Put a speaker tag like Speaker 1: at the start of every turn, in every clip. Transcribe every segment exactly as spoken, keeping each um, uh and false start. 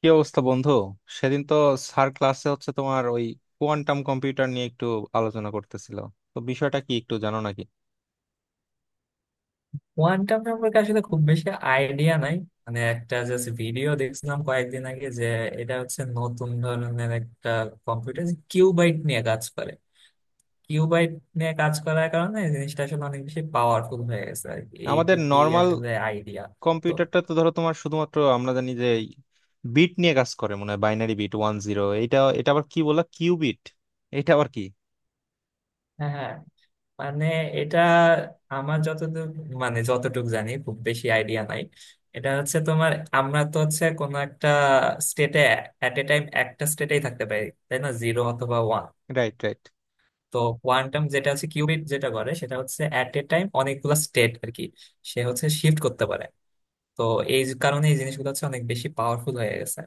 Speaker 1: কি অবস্থা, বন্ধু? সেদিন তো স্যার ক্লাসে হচ্ছে তোমার ওই কোয়ান্টাম কম্পিউটার নিয়ে একটু আলোচনা করতেছিল। তো বিষয়টা কি একটু জানো নাকি?
Speaker 2: কোয়ান্টাম সম্পর্কে আসলে খুব বেশি আইডিয়া নাই। মানে একটা জাস্ট ভিডিও দেখছিলাম কয়েকদিন আগে যে এটা হচ্ছে নতুন ধরনের একটা কম্পিউটার, কিউবাইট নিয়ে কাজ করে। কিউবাইট নিয়ে কাজ করার কারণে এই জিনিসটা আসলে অনেক বেশি পাওয়ারফুল হয়ে গেছে আর কি।
Speaker 1: আমাদের
Speaker 2: এইটুকুই
Speaker 1: নর্মাল
Speaker 2: আসলে আইডিয়া। তো
Speaker 1: কম্পিউটারটা তো ধরো তোমার শুধুমাত্র আমরা জানি যে বিট নিয়ে কাজ করে, মনে হয় বাইনারি বিট ওয়ান জিরো। এটা এটা আবার কি বলা কিউবিট? এটা আবার কি?
Speaker 2: হ্যাঁ, মানে এটা আমার যতদূর, মানে যতটুকু জানি, খুব বেশি আইডিয়া নাই। এটা হচ্ছে তোমার আমরা তো হচ্ছে কোনো একটা স্টেটে এট এ টাইম একটা স্টেটেই থাকতে পারি তাই না, জিরো অথবা ওয়ান।
Speaker 1: Right, right.
Speaker 2: তো কোয়ান্টাম যেটা হচ্ছে কিউবিট যেটা করে সেটা হচ্ছে অ্যাট এ টাইম অনেকগুলো স্টেট আর কি, সে হচ্ছে শিফট করতে পারে। তো এই কারণে এই জিনিসগুলো হচ্ছে অনেক বেশি পাওয়ারফুল হয়ে গেছে।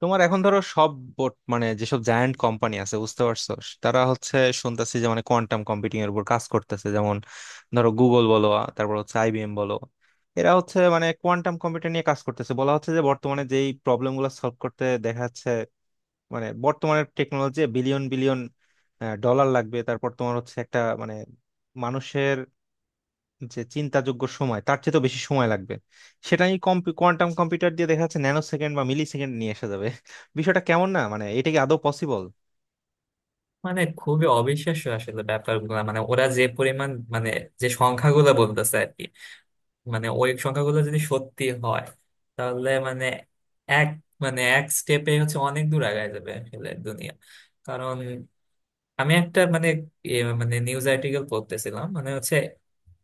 Speaker 1: তোমার এখন ধরো সব বোর্ড, মানে যেসব জায়ান্ট কোম্পানি আছে, বুঝতে পারছো, তারা হচ্ছে শুনতেছি যে মানে কোয়ান্টাম কম্পিউটিং এর উপর কাজ করতেছে। যেমন ধরো গুগল বলো, আ, তারপর হচ্ছে আইবিএম বলো, এরা হচ্ছে মানে কোয়ান্টাম কম্পিউটার নিয়ে কাজ করতেছে। বলা হচ্ছে যে বর্তমানে যেই প্রবলেম গুলো সলভ করতে দেখা যাচ্ছে, মানে বর্তমানের টেকনোলজি বিলিয়ন বিলিয়ন ডলার লাগবে, তারপর তোমার হচ্ছে একটা মানে মানুষের যে চিন্তাযোগ্য সময়, তার চেয়ে তো বেশি সময় লাগবে, সেটা এই কোয়ান্টাম কম্পিউটার দিয়ে দেখা যাচ্ছে ন্যানো সেকেন্ড বা মিলি সেকেন্ড নিয়ে আসা যাবে। বিষয়টা কেমন না? মানে এটা কি আদৌ পসিবল?
Speaker 2: মানে খুবই অবিশ্বাস্য আসলে ব্যাপারগুলো। মানে ওরা যে পরিমাণ, মানে যে সংখ্যাগুলো বলতেছে আর কি, মানে ওই সংখ্যাগুলো যদি সত্যি হয় তাহলে মানে এক মানে এক স্টেপে হচ্ছে অনেক দূর আগায় যাবে আসলে দুনিয়া। কারণ আমি একটা মানে এ মানে নিউজ আর্টিকেল পড়তেছিলাম। মানে হচ্ছে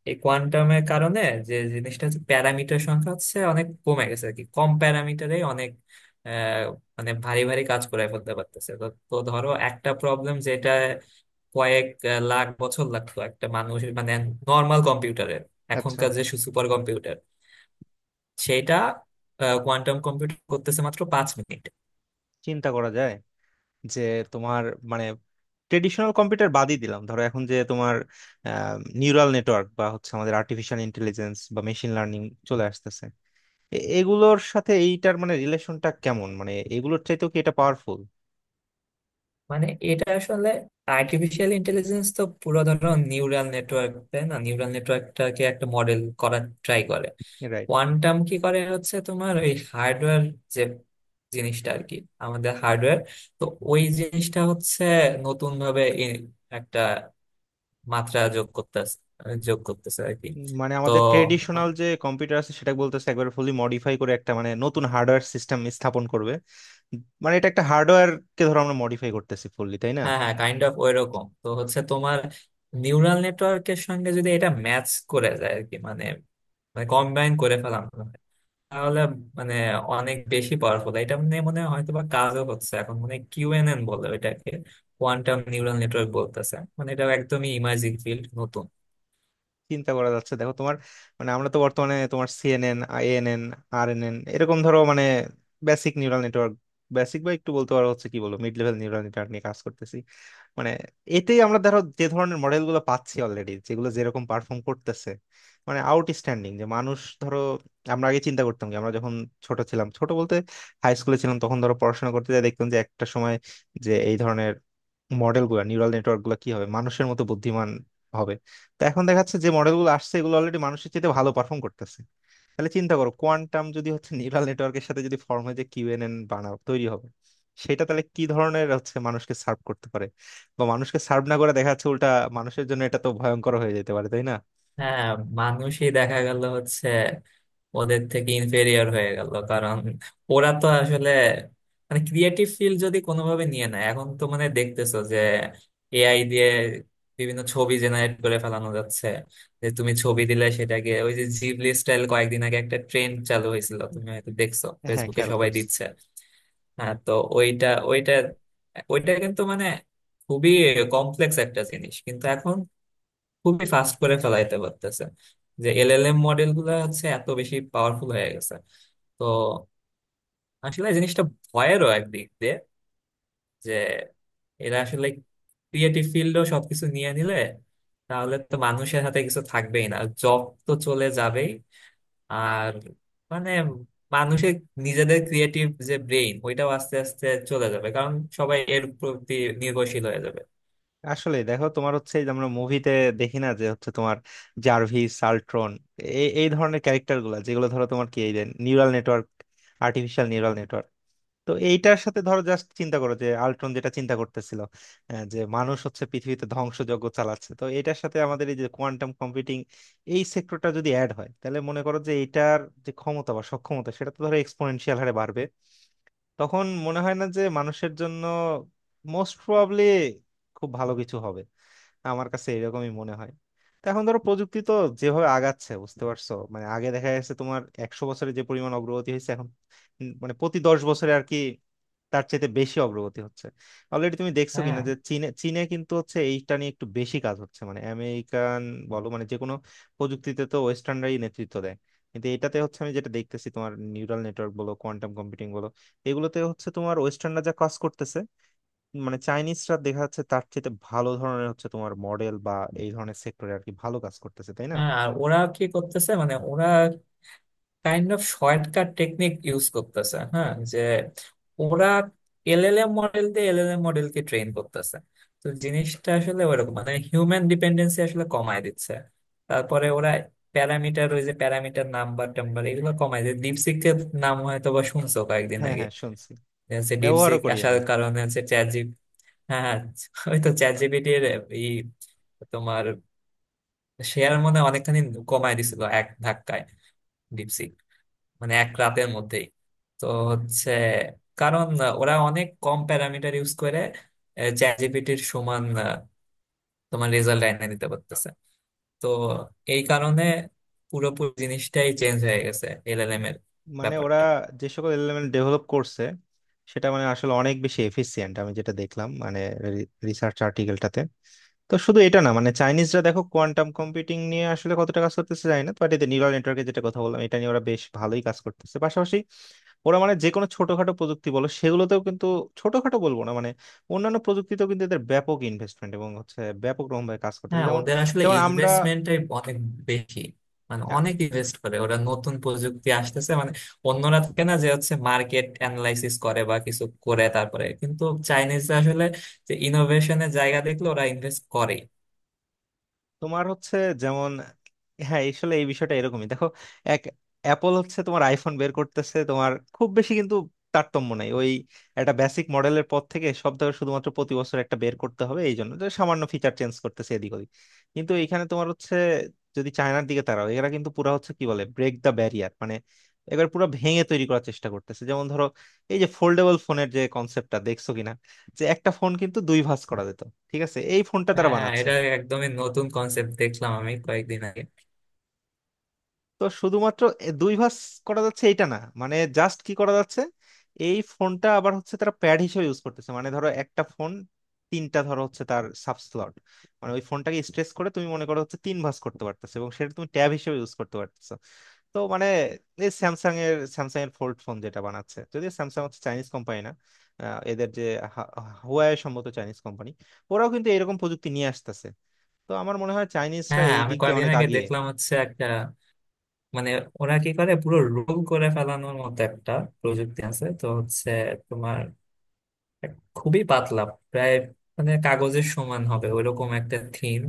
Speaker 2: এই কোয়ান্টামের কারণে যে জিনিসটা হচ্ছে প্যারামিটার সংখ্যা হচ্ছে অনেক কমে গেছে আর কি, কম প্যারামিটারে অনেক আহ, মানে ভারী ভারী কাজ করে ফেলতে পারতেছে। তো তো ধরো একটা প্রবলেম যেটা কয়েক আহ, লাখ বছর লাগতো একটা মানুষ মানে নর্মাল কম্পিউটারের
Speaker 1: আচ্ছা,
Speaker 2: এখনকার যে সুপার কম্পিউটার, সেটা কোয়ান্টাম কম্পিউটার করতেছে মাত্র পাঁচ মিনিট।
Speaker 1: চিন্তা করা যায় যে তোমার মানে ট্রেডিশনাল কম্পিউটার বাদই দিলাম, ধরো এখন যে তোমার নিউরাল নেটওয়ার্ক বা হচ্ছে আমাদের আর্টিফিশিয়াল ইন্টেলিজেন্স বা মেশিন লার্নিং চলে আসতেছে, এ- এগুলোর সাথে এইটার মানে রিলেশনটা কেমন? মানে এগুলোর চাইতেও কি এটা পাওয়ারফুল?
Speaker 2: মানে এটা আসলে আর্টিফিশিয়াল ইন্টেলিজেন্স তো পুরো ধরো নিউরাল নেটওয়ার্ক তাই না, নিউরাল নেটওয়ার্কটাকে একটা মডেল করার ট্রাই করে।
Speaker 1: রাইট।
Speaker 2: কোয়ান্টাম কি করে হচ্ছে তোমার ওই হার্ডওয়্যার যে জিনিসটা আর কি, আমাদের হার্ডওয়্যার, তো ওই জিনিসটা হচ্ছে নতুন ভাবে একটা মাত্রা যোগ করতেছে, যোগ করতেছে আর কি।
Speaker 1: মানে
Speaker 2: তো
Speaker 1: আমাদের ট্রেডিশনাল যে কম্পিউটার আছে সেটা বলতেছে একবার ফুলি মডিফাই করে একটা মানে নতুন হার্ডওয়্যার সিস্টেম স্থাপন করবে। মানে এটা একটা হার্ডওয়্যার কে ধরো আমরা মডিফাই করতেছি ফুললি, তাই না?
Speaker 2: হ্যাঁ হ্যাঁ, কাইন্ড অফ ওইরকম। তো হচ্ছে তোমার নিউরাল নেটওয়ার্কের সঙ্গে যদি এটা ম্যাচ করে যায় আর কি, মানে মানে কম্বাইন করে ফেলাম, তাহলে মানে অনেক বেশি পাওয়ারফুল। এটা নিয়ে মনে হয় হয়তো বা কাজও হচ্ছে এখন, মানে কিউএনএন বলে ওইটাকে, কোয়ান্টাম নিউরাল নেটওয়ার্ক বলতেছে। মানে এটা একদমই ইমার্জিং ফিল্ড, নতুন।
Speaker 1: চিন্তা করা যাচ্ছে, দেখো তোমার মানে আমরা তো বর্তমানে তোমার সিএনএন, আইএনএন, আরএনএন এরকম ধরো মানে বেসিক নিউরাল নেটওয়ার্ক, বেসিক বা একটু বলতে পারো হচ্ছে কি বলবো মিড লেভেল নিউরাল নেটওয়ার্ক নিয়ে কাজ করতেছি। মানে এতেই আমরা ধরো যে ধরনের মডেল গুলো পাচ্ছি অলরেডি, যেগুলো যেরকম পারফর্ম করতেছে, মানে আউটস্ট্যান্ডিং, যে মানুষ ধরো আমরা আগে চিন্তা করতাম, কি আমরা যখন ছোট ছিলাম, ছোট বলতে হাই স্কুলে ছিলাম তখন, ধরো পড়াশোনা করতে যাই, দেখতাম যে একটা সময় যে এই ধরনের মডেল গুলা, নিউরাল নেটওয়ার্ক গুলো, কি হবে মানুষের মতো বুদ্ধিমান হবে? তো এখন দেখা যাচ্ছে যে মডেল গুলো আসছে, এগুলো অলরেডি মানুষের চেয়ে ভালো পারফর্ম করতেছে। তাহলে চিন্তা করো, কোয়ান্টাম যদি হচ্ছে নিউরাল নেটওয়ার্কের সাথে যদি ফর্ম হয়, যে কিউএনএন বানাও, তৈরি হবে, সেটা তাহলে কি ধরনের হচ্ছে মানুষকে সার্ভ করতে পারে, বা মানুষকে সার্ভ না করে দেখা যাচ্ছে উল্টা মানুষের জন্য এটা তো ভয়ঙ্কর হয়ে যেতে পারে, তাই না?
Speaker 2: হ্যাঁ, মানুষই দেখা গেল হচ্ছে ওদের থেকে ইনফেরিয়র হয়ে গেল। কারণ ওরা তো আসলে মানে ক্রিয়েটিভ ফিল্ড যদি কোনোভাবে নিয়ে নেয়, এখন তো মানে দেখতেছো যে এআই দিয়ে বিভিন্ন ছবি জেনারেট করে ফেলানো যাচ্ছে, যে তুমি ছবি দিলে সেটাকে ওই যে জিবলি স্টাইল কয়েকদিন আগে একটা ট্রেন্ড চালু হয়েছিল, তুমি হয়তো দেখছো
Speaker 1: হ্যাঁ,
Speaker 2: ফেসবুকে
Speaker 1: খেয়াল
Speaker 2: সবাই
Speaker 1: করছি।
Speaker 2: দিচ্ছে। হ্যাঁ, তো ওইটা ওইটা ওইটা কিন্তু মানে খুবই কমপ্লেক্স একটা জিনিস, কিন্তু এখন খুবই ফাস্ট করে ফেলাইতে পারতেছে। যে এলএলএম মডেল গুলা হচ্ছে এত বেশি পাওয়ারফুল হয়ে গেছে। তো আসলে জিনিসটা ভয়েরও একদিক দিয়ে, যে এরা আসলে ক্রিয়েটিভ ফিল্ডও সবকিছু নিয়ে নিলে তাহলে তো মানুষের হাতে কিছু থাকবেই না, জব তো চলে যাবেই। আর মানে মানুষের নিজেদের ক্রিয়েটিভ যে ব্রেইন, ওইটাও আস্তে আস্তে চলে যাবে কারণ সবাই এর প্রতি নির্ভরশীল হয়ে যাবে।
Speaker 1: আসলে দেখো তোমার হচ্ছে এই যে আমরা মুভিতে দেখি না যে হচ্ছে তোমার জার্ভিস, সালট্রন, এই এই ধরনের ক্যারেক্টার গুলা যেগুলো ধরো তোমার কি এই যে neural network, artificial neural network. তো এইটার সাথে ধরো জাস্ট চিন্তা করো যে আল্ট্রন যেটা চিন্তা করতেছিল, আহ, যে মানুষ হচ্ছে পৃথিবীতে ধ্বংসযজ্ঞ চালাচ্ছে, তো এটার সাথে আমাদের এই যে কোয়ান্টাম কম্পিউটিং এই সেক্টরটা যদি অ্যাড হয়, তাহলে মনে করো যে এটার যে ক্ষমতা বা সক্ষমতা সেটা তো ধরো এক্সপোনেনশিয়াল হারে বাড়বে। তখন মনে হয় না যে মানুষের জন্য মোস্ট প্রবাবলি খুব ভালো কিছু হবে, আমার কাছে এরকমই মনে হয়। তো এখন ধরো প্রযুক্তি তো যেভাবে আগাচ্ছে, বুঝতে পারছো, মানে আগে দেখা যাচ্ছে তোমার একশো বছরে যে পরিমাণ অগ্রগতি হয়েছে, এখন উম মানে প্রতি দশ বছরে আর কি তার চাইতে বেশি অগ্রগতি হচ্ছে। অলরেডি তুমি দেখছো কিনা
Speaker 2: হ্যাঁ
Speaker 1: যে চীনে চীনে কিন্তু হচ্ছে এইটা নিয়ে একটু বেশি কাজ হচ্ছে মানে আমেরিকান বলো, মানে যে কোনো প্রযুক্তিতে তো ওয়েস্টার্নরাই নেতৃত্ব দেয়, কিন্তু এটাতে হচ্ছে আমি যেটা দেখতেছি তোমার নিউরাল নেটওয়ার্ক বলো, কোয়ান্টাম কম্পিউটিং বলো, এগুলোতে হচ্ছে তোমার ওয়েস্টার্নরা যা কাজ করতেছে মানে চাইনিজরা দেখা যাচ্ছে তার চেয়ে ভালো ধরনের হচ্ছে তোমার মডেল বা এই ধরনের সেক্টরে আর কি ভালো কাজ করতেছে, তাই না?
Speaker 2: হ্যাঁ, আর ওরা কি করতেছে মানে ওরা kind of shortcut technique use করতেছে। হ্যাঁ, যে ওরা এলএলএম মডেল দিয়ে এলএলএম মডেলকে ট্রেন করতেছে। তো জিনিসটা আসলে ওরকম, মানে হিউম্যান ডিপেন্ডেন্সি আসলে কমায় দিচ্ছে। তারপরে ওরা প্যারামিটার, ওই যে প্যারামিটার নাম্বার টাম্বার, এগুলো কমায় দিচ্ছে। ডিপসিকের নাম হয়তো বা শুনছো কয়েকদিন
Speaker 1: হ্যাঁ,
Speaker 2: আগে,
Speaker 1: হ্যাঁ, শুনছি।
Speaker 2: যে হচ্ছে
Speaker 1: ব্যবহারও
Speaker 2: ডিপসিক
Speaker 1: করি
Speaker 2: আসার
Speaker 1: আমি।
Speaker 2: কারণে হচ্ছে চ্যাট জিপি। হ্যাঁ, ওই তো চ্যাট জিপিটির এই তোমার শেয়ার মনে হয় অনেকখানি কমায় দিছিল এক ধাক্কায় ডিপসিক, মানে এক রাতের মধ্যেই। তো হচ্ছে কারণ আহ, ওরা অনেক কম প্যারামিটার ইউজ করে চ্যাট জিপিটির সমান আহ, তোমার রেজাল্ট এনে দিতে পারতেছে। তো এই কারণে পুরোপুরি জিনিসটাই চেঞ্জ হয়ে গেছে এলএলএম এর
Speaker 1: মানে ওরা
Speaker 2: ব্যাপারটা।
Speaker 1: যে সকল এলিমেন্ট ডেভেলপ করছে সেটা মানে আসলে অনেক বেশি এফিসিয়েন্ট, আমি যেটা দেখলাম মানে রিসার্চ আর্টিকেলটাতে। তো শুধু এটা না, মানে চাইনিজরা দেখো কোয়ান্টাম কম্পিউটিং নিয়ে আসলে কতটা কাজ করতেছে জানি না, বাট এতে নিউরাল নেটওয়ার্কের যেটা কথা বললাম এটা নিয়ে ওরা বেশ ভালোই কাজ করতেছে। পাশাপাশি ওরা মানে যে কোনো ছোটখাটো প্রযুক্তি বলো সেগুলোতেও কিন্তু, ছোটখাটো বলবো না, মানে অন্যান্য প্রযুক্তিতেও কিন্তু এদের ব্যাপক ইনভেস্টমেন্ট এবং হচ্ছে ব্যাপক রকমভাবে কাজ করতেছে।
Speaker 2: হ্যাঁ,
Speaker 1: যেমন,
Speaker 2: ওদের আসলে
Speaker 1: যেমন আমরা,
Speaker 2: ইনভেস্টমেন্টটাই অনেক বেশি। মানে অনেক ইনভেস্ট করে ওরা, নতুন প্রযুক্তি আসতেছে মানে। অন্যরা থাকে না যে হচ্ছে মার্কেট অ্যানালাইসিস করে বা কিছু করে তারপরে, কিন্তু চাইনিজরা আসলে যে ইনোভেশনের জায়গা দেখলে ওরা ইনভেস্ট করে।
Speaker 1: তোমার হচ্ছে যেমন, হ্যাঁ আসলে এই বিষয়টা এরকমই দেখো। এক, অ্যাপল হচ্ছে তোমার আইফোন বের করতেছে, তোমার খুব বেশি কিন্তু তারতম্য নাই, ওই একটা বেসিক মডেলের পর থেকে সব, ধরো শুধুমাত্র প্রতি বছর একটা বের করতে হবে এই জন্য যে সামান্য ফিচার চেঞ্জ করতেছে এদিক ওদিক। কিন্তু এখানে তোমার হচ্ছে, যদি চায়নার দিকে তাকাও, এরা কিন্তু পুরা হচ্ছে কি বলে, ব্রেক দ্য ব্যারিয়ার, মানে এবার পুরো ভেঙে তৈরি করার চেষ্টা করতেছে। যেমন ধরো এই যে ফোল্ডেবল ফোনের যে কনসেপ্টটা, দেখছো কিনা যে একটা ফোন কিন্তু দুই ভাঁজ করা যেত, ঠিক আছে, এই ফোনটা তারা
Speaker 2: হ্যাঁ হ্যাঁ,
Speaker 1: বানাচ্ছে।
Speaker 2: এটা একদমই নতুন কনসেপ্ট দেখলাম আমি কয়েকদিন আগে।
Speaker 1: তো শুধুমাত্র এ- দুই ভাঁজ করা যাচ্ছে এইটা না, মানে জাস্ট কি করা যাচ্ছে, এই ফোনটা আবার হচ্ছে তারা প্যাড হিসেবে ইউজ করতেছে। মানে ধরো একটা ফোন, তিনটা ধরো হচ্ছে তার সাব স্লট, মানে ওই ফোনটাকে স্ট্রেস করে তুমি মনে করো হচ্ছে তিন ভাঁজ করতে পারতেছো এবং সেটা তুমি ট্যাব হিসেবে ইউজ করতে পারতেছো। তো মানে এই স্যামসাং এর স্যামসাং এর ফোল্ড ফোন যেটা বানাচ্ছে, যদিও স্যামসাং হচ্ছে চাইনিজ কোম্পানি না, আহ, এদের যে হা- হুয়াওয়ে সম্ভবত চাইনিজ কোম্পানি, ওরাও কিন্তু এরকম প্রযুক্তি নিয়ে আসতেছে। তো আমার মনে হয় চাইনিজরা
Speaker 2: হ্যাঁ হ্যাঁ,
Speaker 1: এই
Speaker 2: আমি
Speaker 1: দিক দিয়ে
Speaker 2: কয়েকদিন
Speaker 1: অনেক
Speaker 2: আগে
Speaker 1: আগিয়ে।
Speaker 2: দেখলাম হচ্ছে একটা মানে ওরা কি করে পুরো রোল করে ফেলানোর মতো একটা প্রযুক্তি আছে। তো হচ্ছে তোমার খুবই পাতলা, প্রায় মানে কাগজের সমান হবে ওইরকম একটা থিম,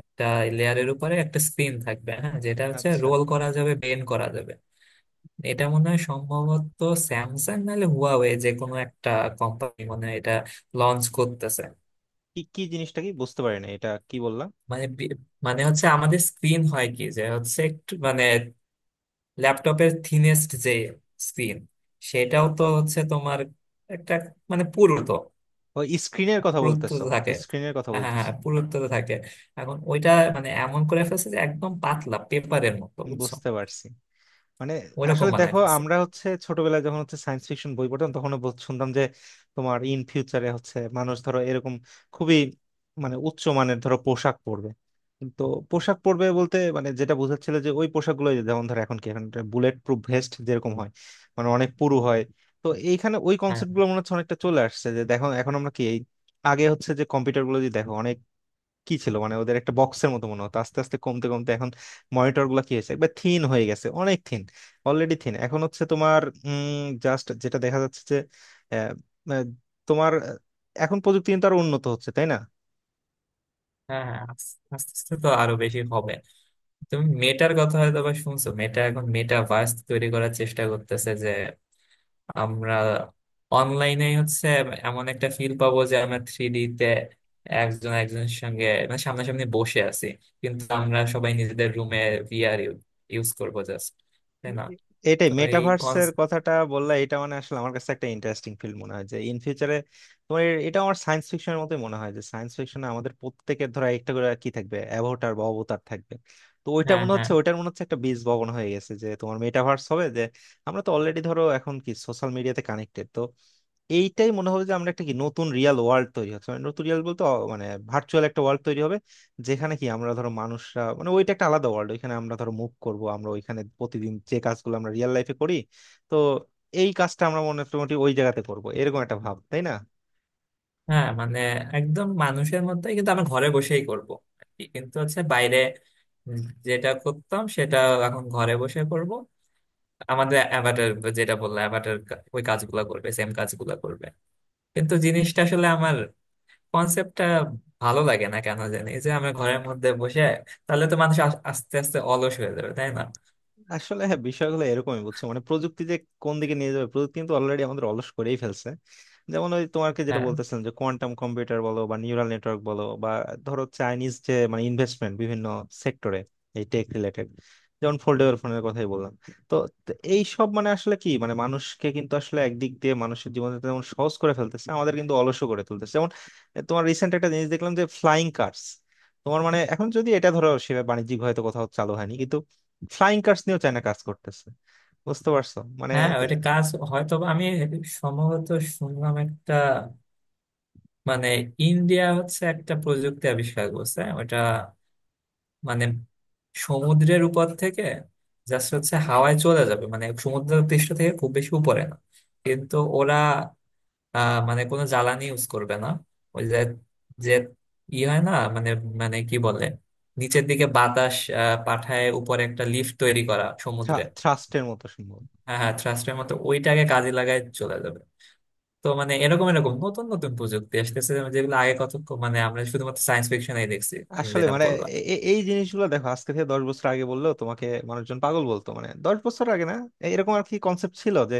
Speaker 2: একটা লেয়ারের উপরে একটা স্ক্রিন থাকবে। হ্যাঁ, যেটা হচ্ছে
Speaker 1: আচ্ছা।
Speaker 2: রোল করা যাবে, বেন্ড করা যাবে। এটা মনে হয় সম্ভবত স্যামসাং নাহলে হুয়াওয়ে, যে কোনো একটা কোম্পানি মনে হয় এটা লঞ্চ করতেছে।
Speaker 1: কি, কি জিনিসটা, কি বুঝতে পারি না, এটা কি বললাম?
Speaker 2: মানে বি- মানে হচ্ছে আমাদের স্ক্রিন হয় কি যে হচ্ছে একটু মানে ল্যাপটপের থিনেস্ট যে স্ক্রিন, সেটাও তো হচ্ছে তোমার একটা মানে পুরুত্ব,
Speaker 1: ও, স্ক্রিনের কথা
Speaker 2: পুরুত্ব
Speaker 1: বলতেছো।
Speaker 2: তো থাকে।
Speaker 1: স্ক্রিনের কথা
Speaker 2: হ্যাঁ হ্যাঁ
Speaker 1: বলতেছো?
Speaker 2: হ্যাঁ, পুরুত্ব তো থাকে। এখন ওইটা মানে এমন করে ফেলছে যে একদম পাতলা পেপারের মতো, বুঝছো?
Speaker 1: বুঝতে পারছি। মানে
Speaker 2: ওইরকম
Speaker 1: আসলে
Speaker 2: বানায়
Speaker 1: দেখো,
Speaker 2: ফেলছে।
Speaker 1: আমরা হচ্ছে ছোটবেলায় যখন হচ্ছে সায়েন্স ফিকশন বই পড়তাম, তখন বল- শুনতাম যে তোমার ইন ফিউচারে হচ্ছে মানুষ ধরো এরকম খুবই মানে উচ্চ মানের ধরো পোশাক পরবে। তো পোশাক পরবে বলতে মানে যেটা বোঝাচ্ছিল যে ওই পোশাকগুলো যেমন ধরো এখন কি, এখন বুলেট প্রুফ ভেস্ট যেরকম হয়, মানে অনেক পুরু হয়। তো এইখানে ওই
Speaker 2: হ্যাঁ
Speaker 1: কনসেপ্ট গুলো মনে হচ্ছে অনেকটা চলে আসছে, যে দেখো এখন আমরা কি এই আগে হচ্ছে যে কম্পিউটার গুলো যদি দেখো কি ছিল, মানে ওদের একটা বক্সের মতো মনে হতো, আস্তে আস্তে কমতে কমতে এখন মনিটর গুলো কি হয়েছে একবার থিন হয়ে গেছে, অনেক থিন, অলরেডি থিন। এখন হচ্ছে তোমার জাস্ট যেটা দেখা যাচ্ছে যে আহ, আহ, তোমার আহ, এখন প্রযুক্তি কিন্তু আরো উন্নত হচ্ছে, তাই না?
Speaker 2: হ্যাঁ, হ্যাঁ আস- আস্তে আস্তে তো আরো বেশি হবে। তুমি মেটার কথা হয়তো বা শুনছো, মেটা এখন মেটা ভার্স তৈরি করার চেষ্টা করতেছে যে আমরা অনলাইনে হচ্ছে এমন একটা ফিল পাবো যে আমরা থ্রি ডি তে একজন একজনের সঙ্গে মানে সামনাসামনি বসে আছি, কিন্তু আমরা সবাই নিজেদের রুমে ভিআর ইউজ করবো জাস্ট,
Speaker 1: এ-
Speaker 2: তাই না?
Speaker 1: এটাই
Speaker 2: তো এই কনস,
Speaker 1: মেটাভার্সের কথাটা বললা, এটা মানে আসলে আমার কাছে একটা ইন্টারেস্টিং ফিল্ড মনে হয় যে ইন ফিউচারে তোমার এ- এটা আমার সায়েন্স ফিকশনের মতোই মনে হয় যে সায়েন্স ফিকশনে আমাদের প্রত্যেকের ধরো একটা করে কি থাকবে, অ্যাভাটার বা অবতার থাকবে। তো ওইটা
Speaker 2: হ্যাঁ
Speaker 1: মনে
Speaker 2: হ্যাঁ
Speaker 1: হচ্ছে, ওইটার মনে হচ্ছে একটা বীজ বপন হয়ে গেছে যে তোমার মেটাভার্স হবে যে আমরা তো অলরেডি ধরো এখন কি সোশ্যাল মিডিয়াতে কানেক্টেড। তো এইটাই মনে হবে যে আমরা একটা কি নতুন রিয়াল ওয়ার্ল্ড তৈরি হচ্ছে, মানে নতুন রিয়াল বলতে অ- মানে ভার্চুয়াল একটা ওয়ার্ল্ড তৈরি হবে, যেখানে কি আমরা ধরো মানুষরা, মানে ওইটা একটা আলাদা ওয়ার্ল্ড, ওইখানে আমরা ধরো মুভ করব, আমরা ওইখানে প্রতিদিন যে কাজগুলো আমরা রিয়েল লাইফে করি, তো এই কাজটা আমরা মোটামুটি ওই জায়গাতে করব, এরকম একটা ভাব, তাই না?
Speaker 2: হ্যাঁ, মানে একদম মানুষের মধ্যে, কিন্তু আমি ঘরে বসেই করব আর কি। কিন্তু হচ্ছে বাইরে উম যেটা করতাম সেটা এখন ঘরে বসে করব। আমাদের অ্যাভাটার, যেটা বললো অ্যাভাটার, ওই কাজগুলো করবে, সেম কাজগুলো করবে। কিন্তু জিনিসটা আসলে আমার কনসেপ্টটা ভালো লাগে না কেন জানি, যে আমরা ঘরের মধ্যে বসে, তাহলে তো মানুষ আস- আস্তে আস্তে অলস হয়ে যাবে তাই না।
Speaker 1: আসলে হ্যাঁ, বিষয়গুলো এরকমই, বুঝছো মানে প্রযুক্তি যে কোন দিকে নিয়ে যাবে, প্রযুক্তি কিন্তু অলরেডি আমাদের অলস করেই ফেলছে। যেমন ওই তোমাকে যেটা
Speaker 2: হ্যাঁ
Speaker 1: বলতেছিলাম যে কোয়ান্টাম কম্পিউটার বলো বা নিউরাল নেটওয়ার্ক বলো বা ধরো চাইনিজ যে মানে ইনভেস্টমেন্ট বিভিন্ন সেক্টরে, এই টেক রিলেটেড, যেমন ফোল্ডেবল ফোনের কথাই বললাম। তো তো এই সব মানে আসলে কি, মানে মানুষকে কিন্তু আসলে একদিক দিয়ে মানুষের জীবনে যেমন সহজ করে ফেলতেছে, আমাদের কিন্তু অলসও করে তুলতেছে। যেমন এ, তোমার রিসেন্ট একটা জিনিস দেখলাম যে ফ্লাইং কার্স, তোমার মানে এখন যদি এটা ধরো সে বাণিজ্যিক হয়তো কোথাও চালু হয়নি, ফ্লাইং কার্স নিয়েও চায়না কাজ করতেছে, বুঝতে পারছো মানে।
Speaker 2: হ্যাঁ, ওইটা কাজ হয়তো বা আমি সম্ভবত শুনলাম একটা, মানে ইন্ডিয়া হচ্ছে একটা প্রযুক্তি আবিষ্কার করছে। ওটা মানে সমুদ্রের উপর থেকে জাস্ট হচ্ছে হাওয়ায় চলে যাবে, মানে সমুদ্রের পৃষ্ঠ থেকে খুব বেশি উপরে না। কিন্তু ওরা আহ, মানে কোনো জ্বালানি ইউজ করবে না। ওই যে যে ই হয় না, মানে মানে কি বলে, নিচের দিকে বাতাস আহ, পাঠায় উপরে একটা লিফট তৈরি করা সমুদ্রে।
Speaker 1: থ্রাস্টের মতো সম্ভব।
Speaker 2: হ্যাঁ হ্যাঁ, থ্রাস্টের মতো ওইটাকে কাজে লাগায় চলে যাবে। তো মানে এরকম এরকম নতুন নতুন প্রযুক্তি আসতেছে যেগুলো আগে কত, মানে আমরা শুধুমাত্র সায়েন্স ফিকশনেই দেখছি, তুমি
Speaker 1: আসলে
Speaker 2: যেটা
Speaker 1: মানে
Speaker 2: বললা।
Speaker 1: এ- এ- এই জিনিসগুলো দেখো আজকে থেকে দশ বছর আগে বললেও তোমাকে মানুষজন পাগল বলতো, মানে দশ বছর আগে না এরকম আর কি কনসেপ্ট ছিল যে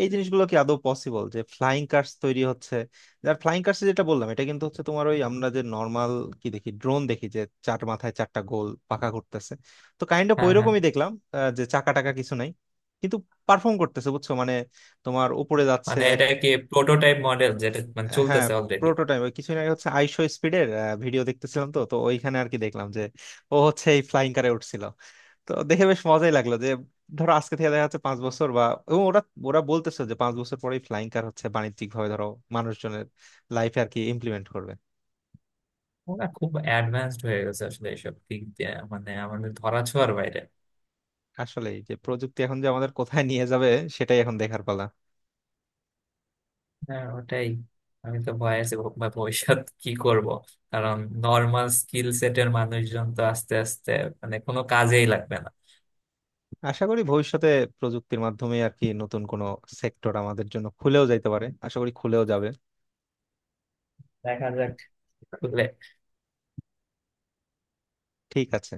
Speaker 1: এই জিনিসগুলো কি আদৌ পসিবল যে ফ্লাইং কার্স তৈরি হচ্ছে? যার ফ্লাইং কার্স যেটা বললাম এটা কিন্তু হচ্ছে তোমার ওই আমরা যে নর্মাল কি দেখি, ড্রোন দেখি যে চার মাথায় চারটা গোল পাখা করতেছে, তো কাইন্ড অফ
Speaker 2: হ্যাঁ হ্যাঁ,
Speaker 1: ওইরকমই দেখলাম। আহ, যে চাকা টাকা কিছু নাই, কিন্তু পারফর্ম করতেছে, বুঝছো মানে তোমার উপরে যাচ্ছে
Speaker 2: মানে
Speaker 1: এক।
Speaker 2: এটা কি প্রোটোটাইপ মডেল যেটা মানে
Speaker 1: হ্যাঁ,
Speaker 2: চলতেছে অলরেডি?
Speaker 1: প্রোটোটাইপ। ওই কিছুদিন আগে হচ্ছে আইশো স্পিডের ভিডিও দেখতেছিলাম, তো তো ওইখানে আর কি দেখলাম যে ও হচ্ছে এই ফ্লাইং কারে উঠছিল। তো দেখে বেশ মজাই লাগলো যে ধরো আজকে থেকে দেখা যাচ্ছে পাঁচ বছর বা, এবং ওরা, ওরা বলতেছে যে পাঁচ বছর পরেই ফ্লাইং কার হচ্ছে বাণিজ্যিক ভাবে ধরো মানুষজনের লাইফে আর কি ইমপ্লিমেন্ট করবে।
Speaker 2: ওরা খুব অ্যাডভান্সড হয়ে গেছে আসলে এইসব দিক দিয়ে, মানে আমাদের ধরাছোঁয়ার বাইরে।
Speaker 1: আসলে যে প্রযুক্তি এখন যে আমাদের কোথায় নিয়ে যাবে সেটাই এখন দেখার পালা।
Speaker 2: হ্যাঁ, ওটাই। আমি তো ভয় আছি ভ- বা ভবিষ্যৎ কি করব, কারণ নর্মাল স্কিল সেটের মানুষজন তো আস্তে আস্তে মানে কোনো কাজেই লাগবে না।
Speaker 1: আশা করি ভবিষ্যতে প্রযুক্তির মাধ্যমে আর কি নতুন কোনো সেক্টর আমাদের জন্য খুলেও যাইতে পারে, আশা করি খুলেও যাবে।
Speaker 2: দেখা যাক।
Speaker 1: ঠিক আছে।